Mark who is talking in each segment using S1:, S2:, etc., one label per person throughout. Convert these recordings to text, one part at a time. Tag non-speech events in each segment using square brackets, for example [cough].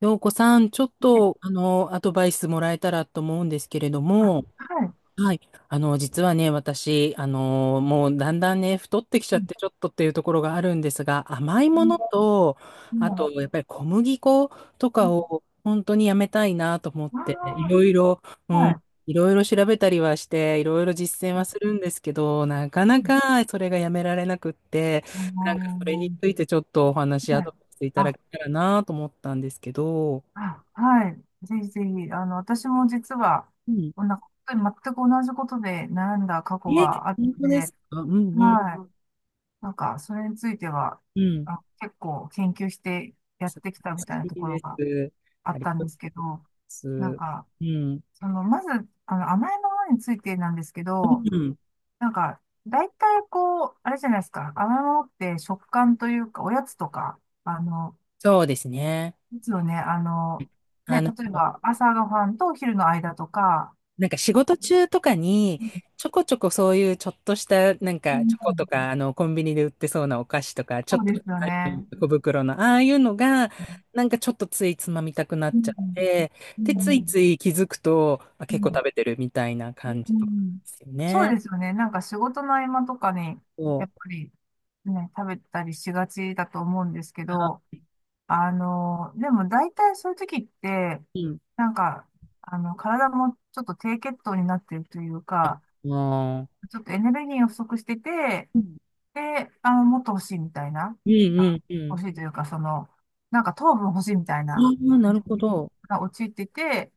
S1: 陽子さん、ちょっと、
S2: え
S1: アドバイスもらえたらと思うんですけれど
S2: あ、
S1: も。
S2: はい。
S1: はい。実はね、私、もうだんだんね、太ってきちゃ
S2: う
S1: っ
S2: ん、
S1: て、ちょっとっていうところがあるんですが、甘い
S2: う
S1: もの
S2: ん、
S1: と、あ
S2: 今、
S1: と、やっぱり小麦粉と
S2: う
S1: か
S2: ん、
S1: を本当にやめたいなと思っ
S2: あ
S1: て、いろいろ、う
S2: あ、はい。
S1: ん、いろいろ調べたりはして、いろいろ実践はするんですけど、なか
S2: う
S1: な
S2: ん、
S1: かそれがやめられなくって、
S2: あ
S1: なんかそれに
S2: の
S1: ついてちょっとお話、ア
S2: は
S1: ド
S2: い。
S1: バイスいただ
S2: あ、
S1: けたらなと思ったんですけど。
S2: あ、はい。ぜひぜひ、私も実は、
S1: うん。
S2: こんな、本当に全く同じことで悩んだ過
S1: え、
S2: 去がある
S1: 本
S2: の
S1: 当
S2: で、
S1: ですか？うんうん
S2: はい。なんか、それについては、
S1: うん。
S2: 結構研究してやってきたみたいな
S1: 好
S2: と
S1: き
S2: こ
S1: で
S2: ろが
S1: す。
S2: あ
S1: あ
S2: っ
S1: り
S2: たん
S1: がとう
S2: ですけ
S1: ございま
S2: ど、
S1: す。
S2: なんか、
S1: うん。
S2: まず、甘えのものについてなんですけど、
S1: うん。
S2: なんか、大体こう、あれじゃないですか。甘いものって食感というか、おやつとか、
S1: そうですね。
S2: いつよね、
S1: あ
S2: ね、
S1: の、
S2: 例えば朝ごはんとお昼の間とか、
S1: なんか仕事中とかに、
S2: うん、
S1: ちょこちょこそういうちょっとした、なん
S2: う
S1: かチ
S2: ん。
S1: ョコとか、コンビニで売ってそうなお菓子とか、ちょ
S2: そ
S1: っ
S2: う
S1: と
S2: ですよね。
S1: 小袋の、ああいうのが、なんかちょっとついつまみたくな
S2: う
S1: っちゃ
S2: ん、
S1: って、
S2: う
S1: で、
S2: ん、う
S1: つい
S2: ん、
S1: つい気づくと、あ、
S2: う
S1: 結構食べてるみたいな感じとかで
S2: ん。
S1: すよ
S2: そう
S1: ね。
S2: ですよね。なんか仕事の合間とかに、
S1: そ
S2: やっぱ
S1: う。
S2: りね、食べたりしがちだと思うんですけど、
S1: あ、
S2: でも大体そういう時って、
S1: うん、
S2: なんか、体もちょっと低血糖になってるというか、
S1: ああ、
S2: ちょっとエネルギーが不足してて、
S1: うん。
S2: で、もっと欲しいみたいな、
S1: うんう
S2: あ
S1: んうん。
S2: 欲しいというか、その、なんか糖分欲しいみたい
S1: あ
S2: な
S1: あ、な
S2: 感
S1: る
S2: じ
S1: ほ
S2: に、
S1: ど。
S2: が陥ってて、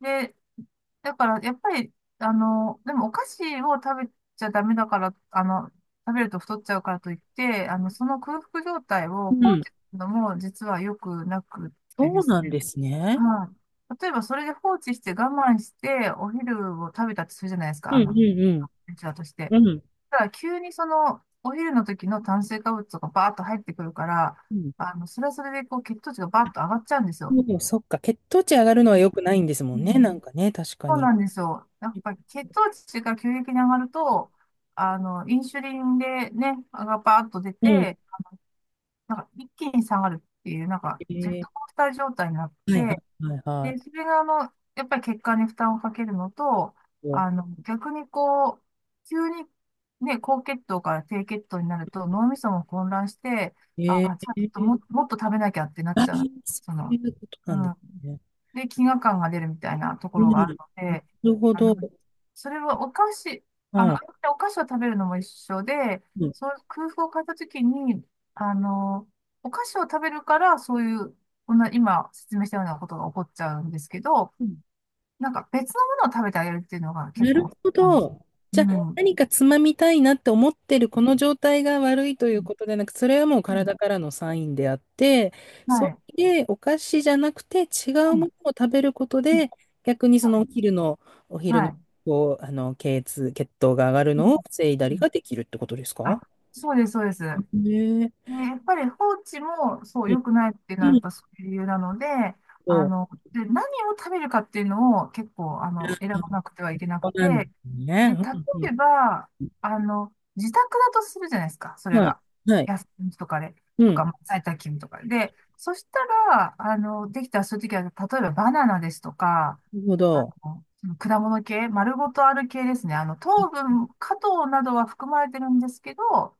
S2: で、だから、やっぱり、でもお菓子を食べちゃダメだから、食べると太っちゃうからといって、その空腹状態を
S1: う
S2: 放
S1: ん、
S2: 置するのも実は良くなくってで
S1: そう
S2: す
S1: なん
S2: ね。
S1: ですね。
S2: はい。例えば、それで放置して我慢して、お昼を食べたとするじゃないですか、
S1: うんうん
S2: うちわとして。
S1: うん。うん。
S2: ただ、急にその、お昼の時の炭水化物とかバーッと入ってくるから、
S1: うん。
S2: それはそれで、こう、血糖値がバーッと上がっちゃうんですよ。
S1: もうそっか、血糖値上がるのは良くないんですも
S2: う
S1: んね。な
S2: ん、
S1: んかね、確か
S2: そう
S1: に。
S2: なんですよ。やっぱり血糖値が急激に上がると、インスリンでね、がバーッと出
S1: うん。
S2: て、なんか一気に下がるっていう、なんかジェッ
S1: え
S2: ト
S1: え、
S2: コースター状態になっ
S1: はいは
S2: て、
S1: いはいは
S2: で、それがやっぱり血管に負担をかけるのと、
S1: い。
S2: 逆にこう、急にね、高血糖から低血糖になると脳みそも混乱して、あ
S1: え
S2: あ、ちょっとも、
S1: え、
S2: もっと食べなきゃってなっ
S1: ああ
S2: ちゃ
S1: ー、
S2: う。
S1: そ
S2: そ
S1: うい
S2: の、
S1: うことな
S2: う
S1: んで
S2: ん。
S1: すね。
S2: で、飢餓感が出るみたいなとこ
S1: うん。
S2: ろがあ
S1: な
S2: るので、
S1: るほ
S2: あ
S1: ど。
S2: の、それはお菓子、
S1: う
S2: あの、
S1: ん。
S2: お菓子を食べるのも一緒で、
S1: う
S2: その空腹を変えたときに、あの、お菓子を食べるから、そういう、こんな、今説明したようなことが起こっちゃうんですけど、
S1: ん、
S2: なんか別のものを食べてあげるっていうのが結
S1: なる
S2: 構
S1: ほ
S2: なんですよ。
S1: ど。
S2: う
S1: じゃあ、
S2: ん。う
S1: 何かつまみたいなって思ってるこの状態が悪いという
S2: ん、
S1: ことでなく、それはもう
S2: うん。
S1: 体からのサインであって、
S2: は
S1: そ
S2: い。
S1: れでお菓子じゃなくて違う
S2: う
S1: もの
S2: ん、
S1: を食べること
S2: うん。
S1: で、逆にそ
S2: は
S1: のお
S2: い。
S1: 昼の、お昼
S2: は
S1: の、
S2: い。
S1: こう、血圧、血糖が上がる
S2: うん、
S1: のを防いだ
S2: う
S1: り
S2: ん。
S1: ができるってことですか
S2: あ、そうです、そうです。
S1: ね
S2: ね、やっぱり放置もそう
S1: え？
S2: 良くないっていうの
S1: う
S2: はやっ
S1: ん、
S2: ぱそういう理由なので、あ
S1: そう。
S2: の、で、何を食べるかっていうのを結構、選ばなくてはいけな
S1: そ
S2: く
S1: う
S2: て、
S1: なんです
S2: で、例
S1: ね。うん
S2: えば、自宅だとするじゃないですか、そ
S1: うん。
S2: れ
S1: はい。
S2: が。
S1: はい。
S2: 休みとかで、
S1: う
S2: と
S1: ん。な
S2: か、まあ在宅勤務とかで。で、そしたら、できたらそういう時は、例えばバナナですとか、
S1: るほど。
S2: その果物系、丸ごとある系ですね。糖分、果糖などは含まれてるんですけど、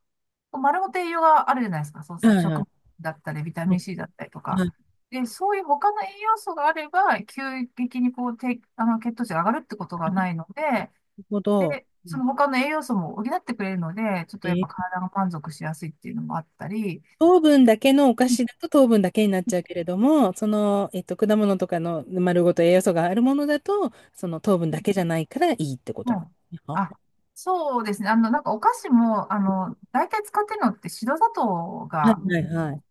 S2: 丸ごと栄養があるじゃないですか。そう
S1: はい
S2: 食
S1: は
S2: 物
S1: い。
S2: だったり、ビタ
S1: うん、
S2: ミン C だったりと
S1: な
S2: か。
S1: る
S2: で、そういう他の栄養素があれば、急激にこう、低あの、血糖値が上がるってことがないので、
S1: ほど。
S2: で、
S1: う
S2: そ
S1: ん、
S2: の他の栄養素も補ってくれるので、ちょっとやっぱ
S1: え
S2: 体が満足しやすいっていうのもあったり、
S1: 糖分だけのお菓
S2: うん、
S1: 子だと糖分だけになっちゃうけれども、その、果物とかの丸ごと栄養素があるものだと、その糖分だけじゃないからいいってこと
S2: は
S1: なんで
S2: い。
S1: すね。あ、は
S2: あ、そうですね。なんかお菓子も、大体使ってるのって白砂糖
S1: い
S2: が、
S1: はいはい。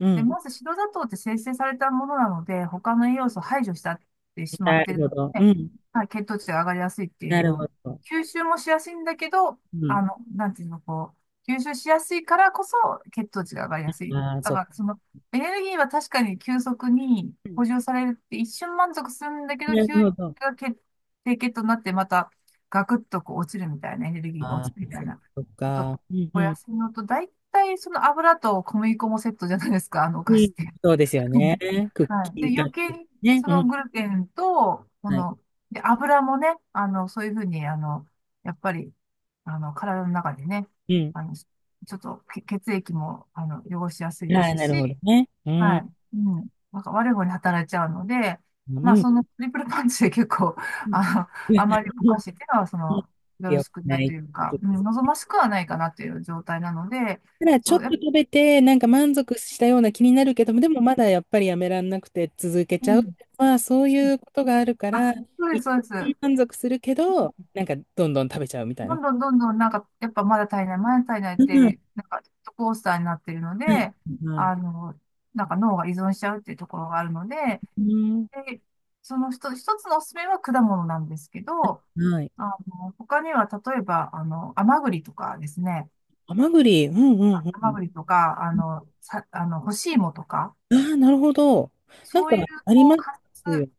S1: う
S2: で、
S1: ん。
S2: まず白砂糖って生成されたものなので、他の栄養素を排除したってしまっ
S1: な
S2: て
S1: る
S2: る
S1: ほど。
S2: の
S1: う
S2: で、
S1: ん。
S2: はい、血糖値が上がりやすいってい
S1: な
S2: う
S1: るほ
S2: の、
S1: ど。
S2: 吸収もしやすいんだけど、
S1: うん。
S2: なんていうの、こう、吸収しやすいからこそ血糖値が上がりやすい。
S1: ああ、
S2: だ
S1: そう
S2: か
S1: か。
S2: ら、その、エネルギーは確かに急速に
S1: うん、
S2: 補充されるって一瞬満足するんだけど、
S1: なる
S2: 急が
S1: ほど。
S2: 血低血糖になってまたガクッとこう落ちるみたいな、エネルギーが
S1: あ
S2: 落ち
S1: あ、
S2: るみたいな
S1: そっ
S2: こと
S1: か。うんう
S2: お
S1: ん。
S2: 安いのと、大体その油と小麦粉もセットじゃないですか、[laughs] あのお
S1: う
S2: 菓子
S1: ん。
S2: って。
S1: そうですよ
S2: [laughs]
S1: ね。クッ
S2: はい。
S1: キ
S2: で、
S1: ー買
S2: 余
S1: っ
S2: 計
S1: て
S2: に
S1: ね。
S2: そ
S1: う
S2: の
S1: ん。
S2: グルテンと、こ
S1: はい。
S2: の、で、油もね、そういうふうに、やっぱり、体の中でね、
S1: うん。
S2: ちょっと血液も、汚しやすいで
S1: はい、
S2: す
S1: なるほど
S2: し、
S1: ね。う
S2: は
S1: ん。
S2: い。うん。なんか悪い方に働いちゃうので、
S1: う
S2: まあ、
S1: ん。
S2: そのトリプルパンチで結構、
S1: う
S2: [laughs]
S1: ん。
S2: あの、あまりお菓
S1: [laughs]
S2: 子っていうのは、その、よろ
S1: よく
S2: しく
S1: な
S2: ないと
S1: い。
S2: いうか、うん、望ましくはないかなという状態なので、
S1: ただちょ
S2: そ
S1: っ
S2: う、
S1: と
S2: やっぱ、
S1: 食べて、なんか満足したような気になるけども、でもまだやっぱりやめらんなくて続け
S2: う
S1: ちゃう。
S2: ん。
S1: まあそういうことがあるから、
S2: あ、そうで
S1: 一
S2: す、そうで
S1: 旦
S2: す。
S1: 満足するけど、なんかどんどん食べちゃうみたい
S2: ど
S1: な。
S2: んどんどんどん、なんか、やっぱまだ足りない、まだ足りないっ
S1: うん、
S2: て、なんか、ジェットコースターになっているので、
S1: はい。は
S2: あ
S1: い。
S2: の、なんか脳が依存しちゃうっていうところがあるので、
S1: うん、
S2: で、その一つ一つのおすすめは果物なんですけど、
S1: はい。
S2: 他には例えば、甘栗とかですね、
S1: ハマグリ、うんうんう
S2: 甘
S1: ん。
S2: 栗とか、あの、さ、あの、干し芋とか、
S1: ああ、なるほど。なん
S2: そう
S1: か
S2: いう、
S1: あり
S2: こ
S1: ま
S2: う、柑
S1: すよ
S2: 橘、
S1: ね。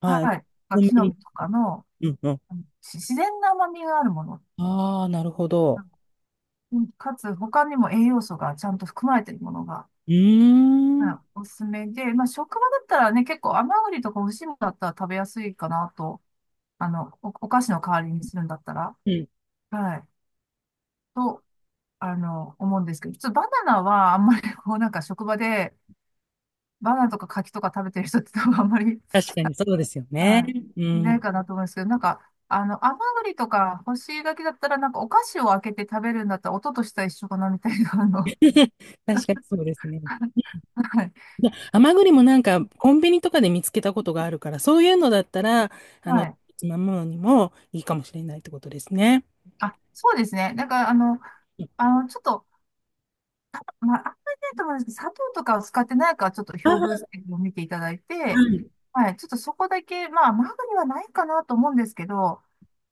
S1: はい。
S2: はい、まあ
S1: コン
S2: 木
S1: ビ
S2: の実
S1: ニ。
S2: とかの、
S1: うんうん。
S2: あのし自然な甘みがあるもの、
S1: ああ、なるほど。
S2: うん、かつ、他にも栄養素がちゃんと含まれているものが、
S1: うーん。
S2: は
S1: う
S2: い、おすすめで、まあ、職場だったらね、結構甘栗とか干し芋だったら食べやすいかなと、お菓子の代わりにするんだったら、
S1: ん。
S2: はい。と、あの、思うんですけど、普通バナナはあんまりこうなんか職場でバナナとか柿とか食べてる人って多分あんまり、
S1: 確かにそうですよね。
S2: は
S1: う
S2: い、いない
S1: ん。
S2: かなと思うんですけど、なんか、甘栗とか干し柿だったらなんかお菓子を開けて食べるんだったら音としては一緒かなみたいな、
S1: [laughs] 確かにそうですね。
S2: はい、
S1: [laughs] で、甘栗もなんかコンビニとかで見つけたことがあるから、そういうのだったら、あの、
S2: はい。
S1: つまむのにもいいかもしれないってことですね。
S2: あ、そうですね。なんかちょっと、まあ、あんまりないと思うんですけど、砂糖とかを使ってないかちょっと
S1: ああ、
S2: 表分
S1: は
S2: 析を見ていただいて、
S1: い。
S2: はい、ちょっとそこだけ、まあ、甘栗はないかなと思うんですけど、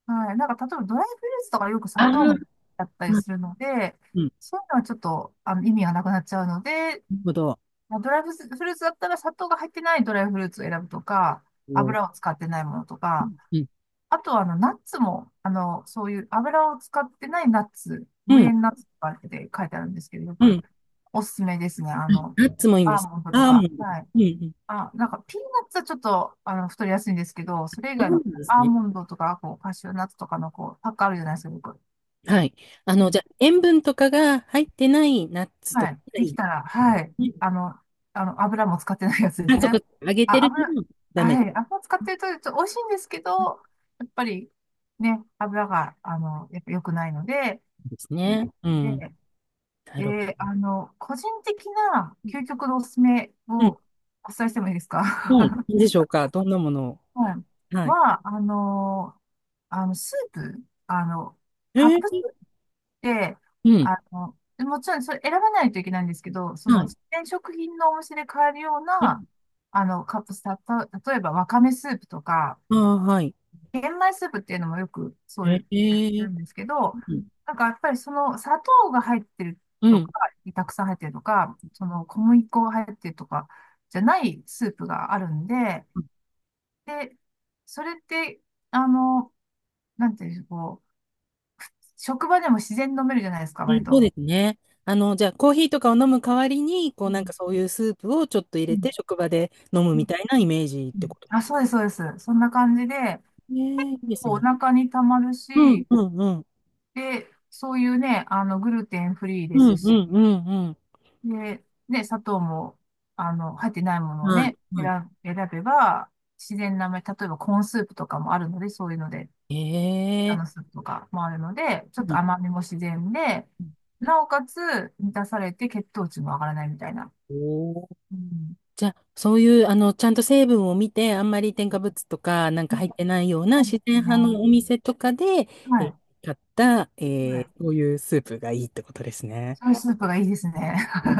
S2: はい。なんか、例えばドライフルーツとかよく
S1: あ
S2: 砂
S1: あ、
S2: 糖
S1: う
S2: だったり
S1: ん、
S2: するので、
S1: うん。
S2: そういうのはちょっと、意味がなくなっちゃうので、
S1: なるほど。
S2: まあドライフルーツだったら砂糖が入ってないドライフルーツを選ぶとか、
S1: お
S2: 油を
S1: ー、
S2: 使ってないものとか、
S1: うん。
S2: あとは、ナッツも、そういう油を使ってないナッツ、
S1: う
S2: 無
S1: ん。
S2: 塩ナッツとかって書いてあるんですけど、よ
S1: う
S2: く
S1: ん。
S2: おすすめですね。
S1: ナッツもいいん
S2: ア
S1: で
S2: ー
S1: す。
S2: モンドと
S1: アーモンド。
S2: か。はい。
S1: うんうん。
S2: あ、なんか、ピーナッツはちょっと、太りやすいんですけど、それ以
S1: そう
S2: 外
S1: な
S2: の、こ
S1: ん
S2: う
S1: です
S2: アー
S1: ね。
S2: モンドとか、こう、カシューナッツとかの、こう、パックあるじゃないですか、よく。
S1: はい。
S2: うん。
S1: じゃあ、塩分とかが入ってないナッツと
S2: は
S1: か
S2: い。
S1: が
S2: で
S1: いい
S2: き
S1: で
S2: たら、はい。
S1: すね。
S2: 油も使ってないやつです
S1: あ、そこ、
S2: ね。
S1: 揚げて
S2: あ、
S1: る
S2: 油、
S1: のはダメで
S2: はい。油使ってると、ちょっと美味しいんですけど、やっぱり、ね、油が、やっぱ良くないので、
S1: す
S2: え
S1: ね。うん。
S2: で、
S1: なるほ
S2: で、あの、個人的な究極のおすすめ
S1: ど。うん。
S2: をお伝えしてもいいですか？
S1: はい。
S2: [laughs]
S1: いいでしょうか。どんなものを？
S2: はい。
S1: はい。
S2: は、あのー、あの、スープ、
S1: え
S2: カップスー
S1: ー、
S2: プって、
S1: うん。
S2: もちろんそれ選ばないといけないんですけど、そ
S1: は
S2: の、
S1: い。
S2: 自然食品のお店で買えるよう
S1: うん。
S2: な、あの、カップス、たと、例えばわかめスープとか、
S1: ああ、はい。
S2: 玄米スープっていうのもよくそう
S1: え
S2: いうやって
S1: え、
S2: るんですけど、
S1: うん。
S2: なんかやっぱりその砂糖が入ってる
S1: うん。う
S2: とか、
S1: ん、
S2: たくさん入ってるとか、その小麦粉が入ってるとかじゃないスープがあるんで、で、それって、あの、なんていうんでしょう、こう、職場でも自然に飲めるじゃないですか、割
S1: そう
S2: と。
S1: ですね。じゃあ、コーヒーとかを飲む代わりに、こ
S2: う
S1: う、なんか
S2: ん、
S1: そういうスープをちょっと入
S2: う
S1: れて、
S2: ん、
S1: 職場で飲む
S2: う
S1: み
S2: ん、
S1: たいなイメージっ
S2: う
S1: て
S2: ん、
S1: ことで
S2: あ、
S1: す
S2: そうです、そうです。そんな感じで、
S1: よね。いいです
S2: こうお
S1: ね。
S2: 腹にたまる
S1: うん、
S2: し、
S1: うん、うん。
S2: で、そういうね、グルテンフリーで
S1: う
S2: す
S1: ん、う
S2: し、
S1: ん、うん、うん。
S2: で、ね、砂糖も、入ってないものを
S1: はい、
S2: ね、
S1: は
S2: 選べば、自然なめ、例えばコーンスープとかもあるので、そういうので、あ
S1: い。え
S2: のス
S1: え、
S2: ープとかもあるので、ちょっ
S1: う
S2: と
S1: ん。
S2: 甘みも自然で、なおかつ満たされて血糖値も上がらないみたいな。
S1: おー、
S2: うん。
S1: じゃあ、そういう、ちゃんと成分を見て、あんまり添加物とかなん
S2: う
S1: か入っ
S2: ん、
S1: てないような
S2: そうで
S1: 自
S2: す
S1: 然
S2: ね。
S1: 派のお店とかで、
S2: は
S1: えー
S2: い。
S1: 買った、
S2: はい。
S1: こういうスープがいいってことですね。
S2: そのスープがいいですね。
S1: うん、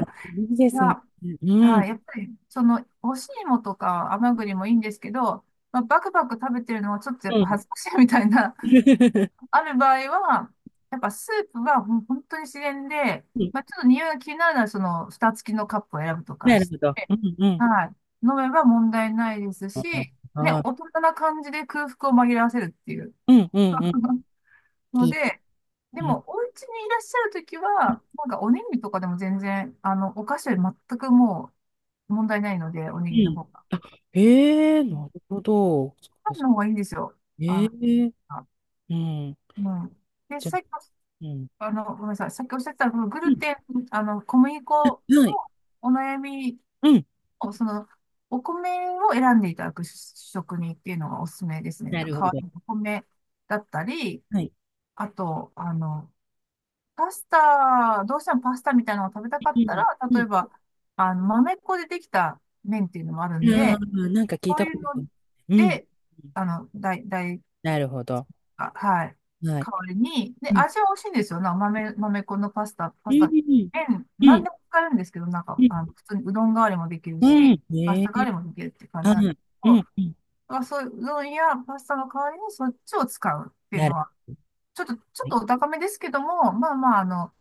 S1: いいで
S2: [laughs]
S1: すね。
S2: が、
S1: う
S2: は
S1: ん。
S2: い。やっぱり、その、干し芋とか甘栗もいいんですけど、まあ、バクバク食べてるのはちょっとやっ
S1: う
S2: ぱ
S1: ん。
S2: 恥ずかしいみたいな、[laughs]
S1: [laughs]
S2: ある場合は、やっぱスープは本当に自然で、
S1: うん、
S2: まあ、ちょっと匂いが気になるなら、その、蓋付きのカップを選ぶとか、
S1: なるほど。うんうん。
S2: はい、飲めば問題ないです
S1: あ
S2: し、ね、
S1: ー、
S2: 大人な感じで空腹を紛らわせるっていう
S1: うんうんうん。
S2: の
S1: き、
S2: で、で
S1: うん。
S2: も、お家にいらっしゃるときは、なんかおにぎりとかでも全然、お菓子より全くもう問題ないので、おに
S1: う
S2: ぎりの
S1: ん。
S2: 方が。
S1: あ、ええー、なるほど。そっ
S2: パ
S1: か
S2: ン
S1: そっ
S2: の
S1: か、
S2: 方がいいんですよ。あ
S1: ええ
S2: の、
S1: ー、
S2: あ
S1: うん。
S2: うん。で、
S1: じゃあ、
S2: さっき、
S1: うん。
S2: あの、ごめんなさい。さっきおっしゃってた、このグ
S1: う
S2: ル
S1: ん、
S2: テン、あの、小麦粉の
S1: はい。
S2: お悩み、
S1: うん。
S2: おその、お米を選んでいただく職人っていうのがおすすめですね。
S1: な
S2: 代
S1: るほど。
S2: わりのお米だったり、
S1: はい。
S2: あと、パスタ、どうしてもパスタみたいなのを食べたか
S1: うん。
S2: っ
S1: う
S2: た
S1: ん
S2: ら、例えば、豆粉でできた麺っていうのもあるんで、
S1: うん、なんか聞い
S2: そう
S1: た
S2: い
S1: こ
S2: う
S1: と
S2: の
S1: ある。うん。
S2: で、代
S1: なるほど。
S2: あ、はい。
S1: はい。
S2: 代わりに、で、
S1: うん。
S2: 味は美味しいんですよ。豆粉の
S1: う
S2: パスタ、
S1: ん。
S2: 麺、
S1: う
S2: 何
S1: ん。
S2: でも使えるんですけど、なん
S1: う
S2: か、
S1: ん。
S2: 普通にうどん代わりもできる
S1: う
S2: し、
S1: ん、
S2: パス
S1: ね
S2: タ代わ
S1: え。
S2: りもできるって感じ
S1: は
S2: なんです
S1: い。
S2: け
S1: う
S2: ど、
S1: ん。うん。
S2: だからそういううどんやパスタの代わりにそっちを使うっていう
S1: な
S2: の
S1: る
S2: は、
S1: ほ
S2: ちょっと
S1: ど。
S2: お高めですけども、まあまあ、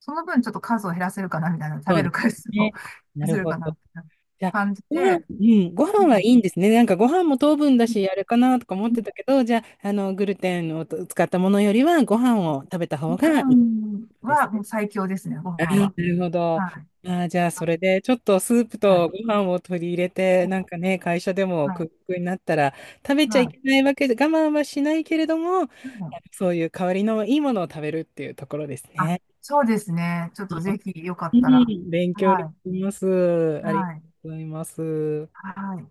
S2: その分ちょっと数を減らせるかな、みたいな、食
S1: そう
S2: べ
S1: で
S2: る回
S1: す
S2: 数を [laughs]
S1: ね。
S2: 減
S1: な
S2: ら
S1: る
S2: せる
S1: ほ
S2: かな、
S1: ど。
S2: みたいな
S1: じゃあ、
S2: 感じ
S1: ご飯、
S2: で、
S1: うん、ご
S2: う
S1: 飯は
S2: ん、
S1: いいんですね。なんかご飯も糖分だ
S2: うん、
S1: し、あれかなとか思っ
S2: う
S1: て
S2: ん、
S1: たけど、じゃあ、グルテンを使ったものよりは、ご飯を食べた方
S2: ご
S1: がいい
S2: 飯
S1: です
S2: は
S1: ね。
S2: もう最強ですね、ご飯
S1: な
S2: は。
S1: るほど。あ
S2: はい。
S1: あ、じゃあ、それで、ちょっとスープ
S2: は
S1: と
S2: い。
S1: ご飯を取り入れて、なんかね、会社でも
S2: は
S1: ク
S2: い。
S1: ックになったら、食べちゃ
S2: は
S1: い
S2: い。
S1: けないわけで、我慢はしないけれども、
S2: うん、
S1: そういう代わりのいいものを食べるっていうところです
S2: あ、
S1: ね。
S2: そうですね。ちょっ
S1: う
S2: とぜひよかったら。
S1: ん、勉強に
S2: はい。
S1: なります。ありがと
S2: はい。
S1: うございます。
S2: はい。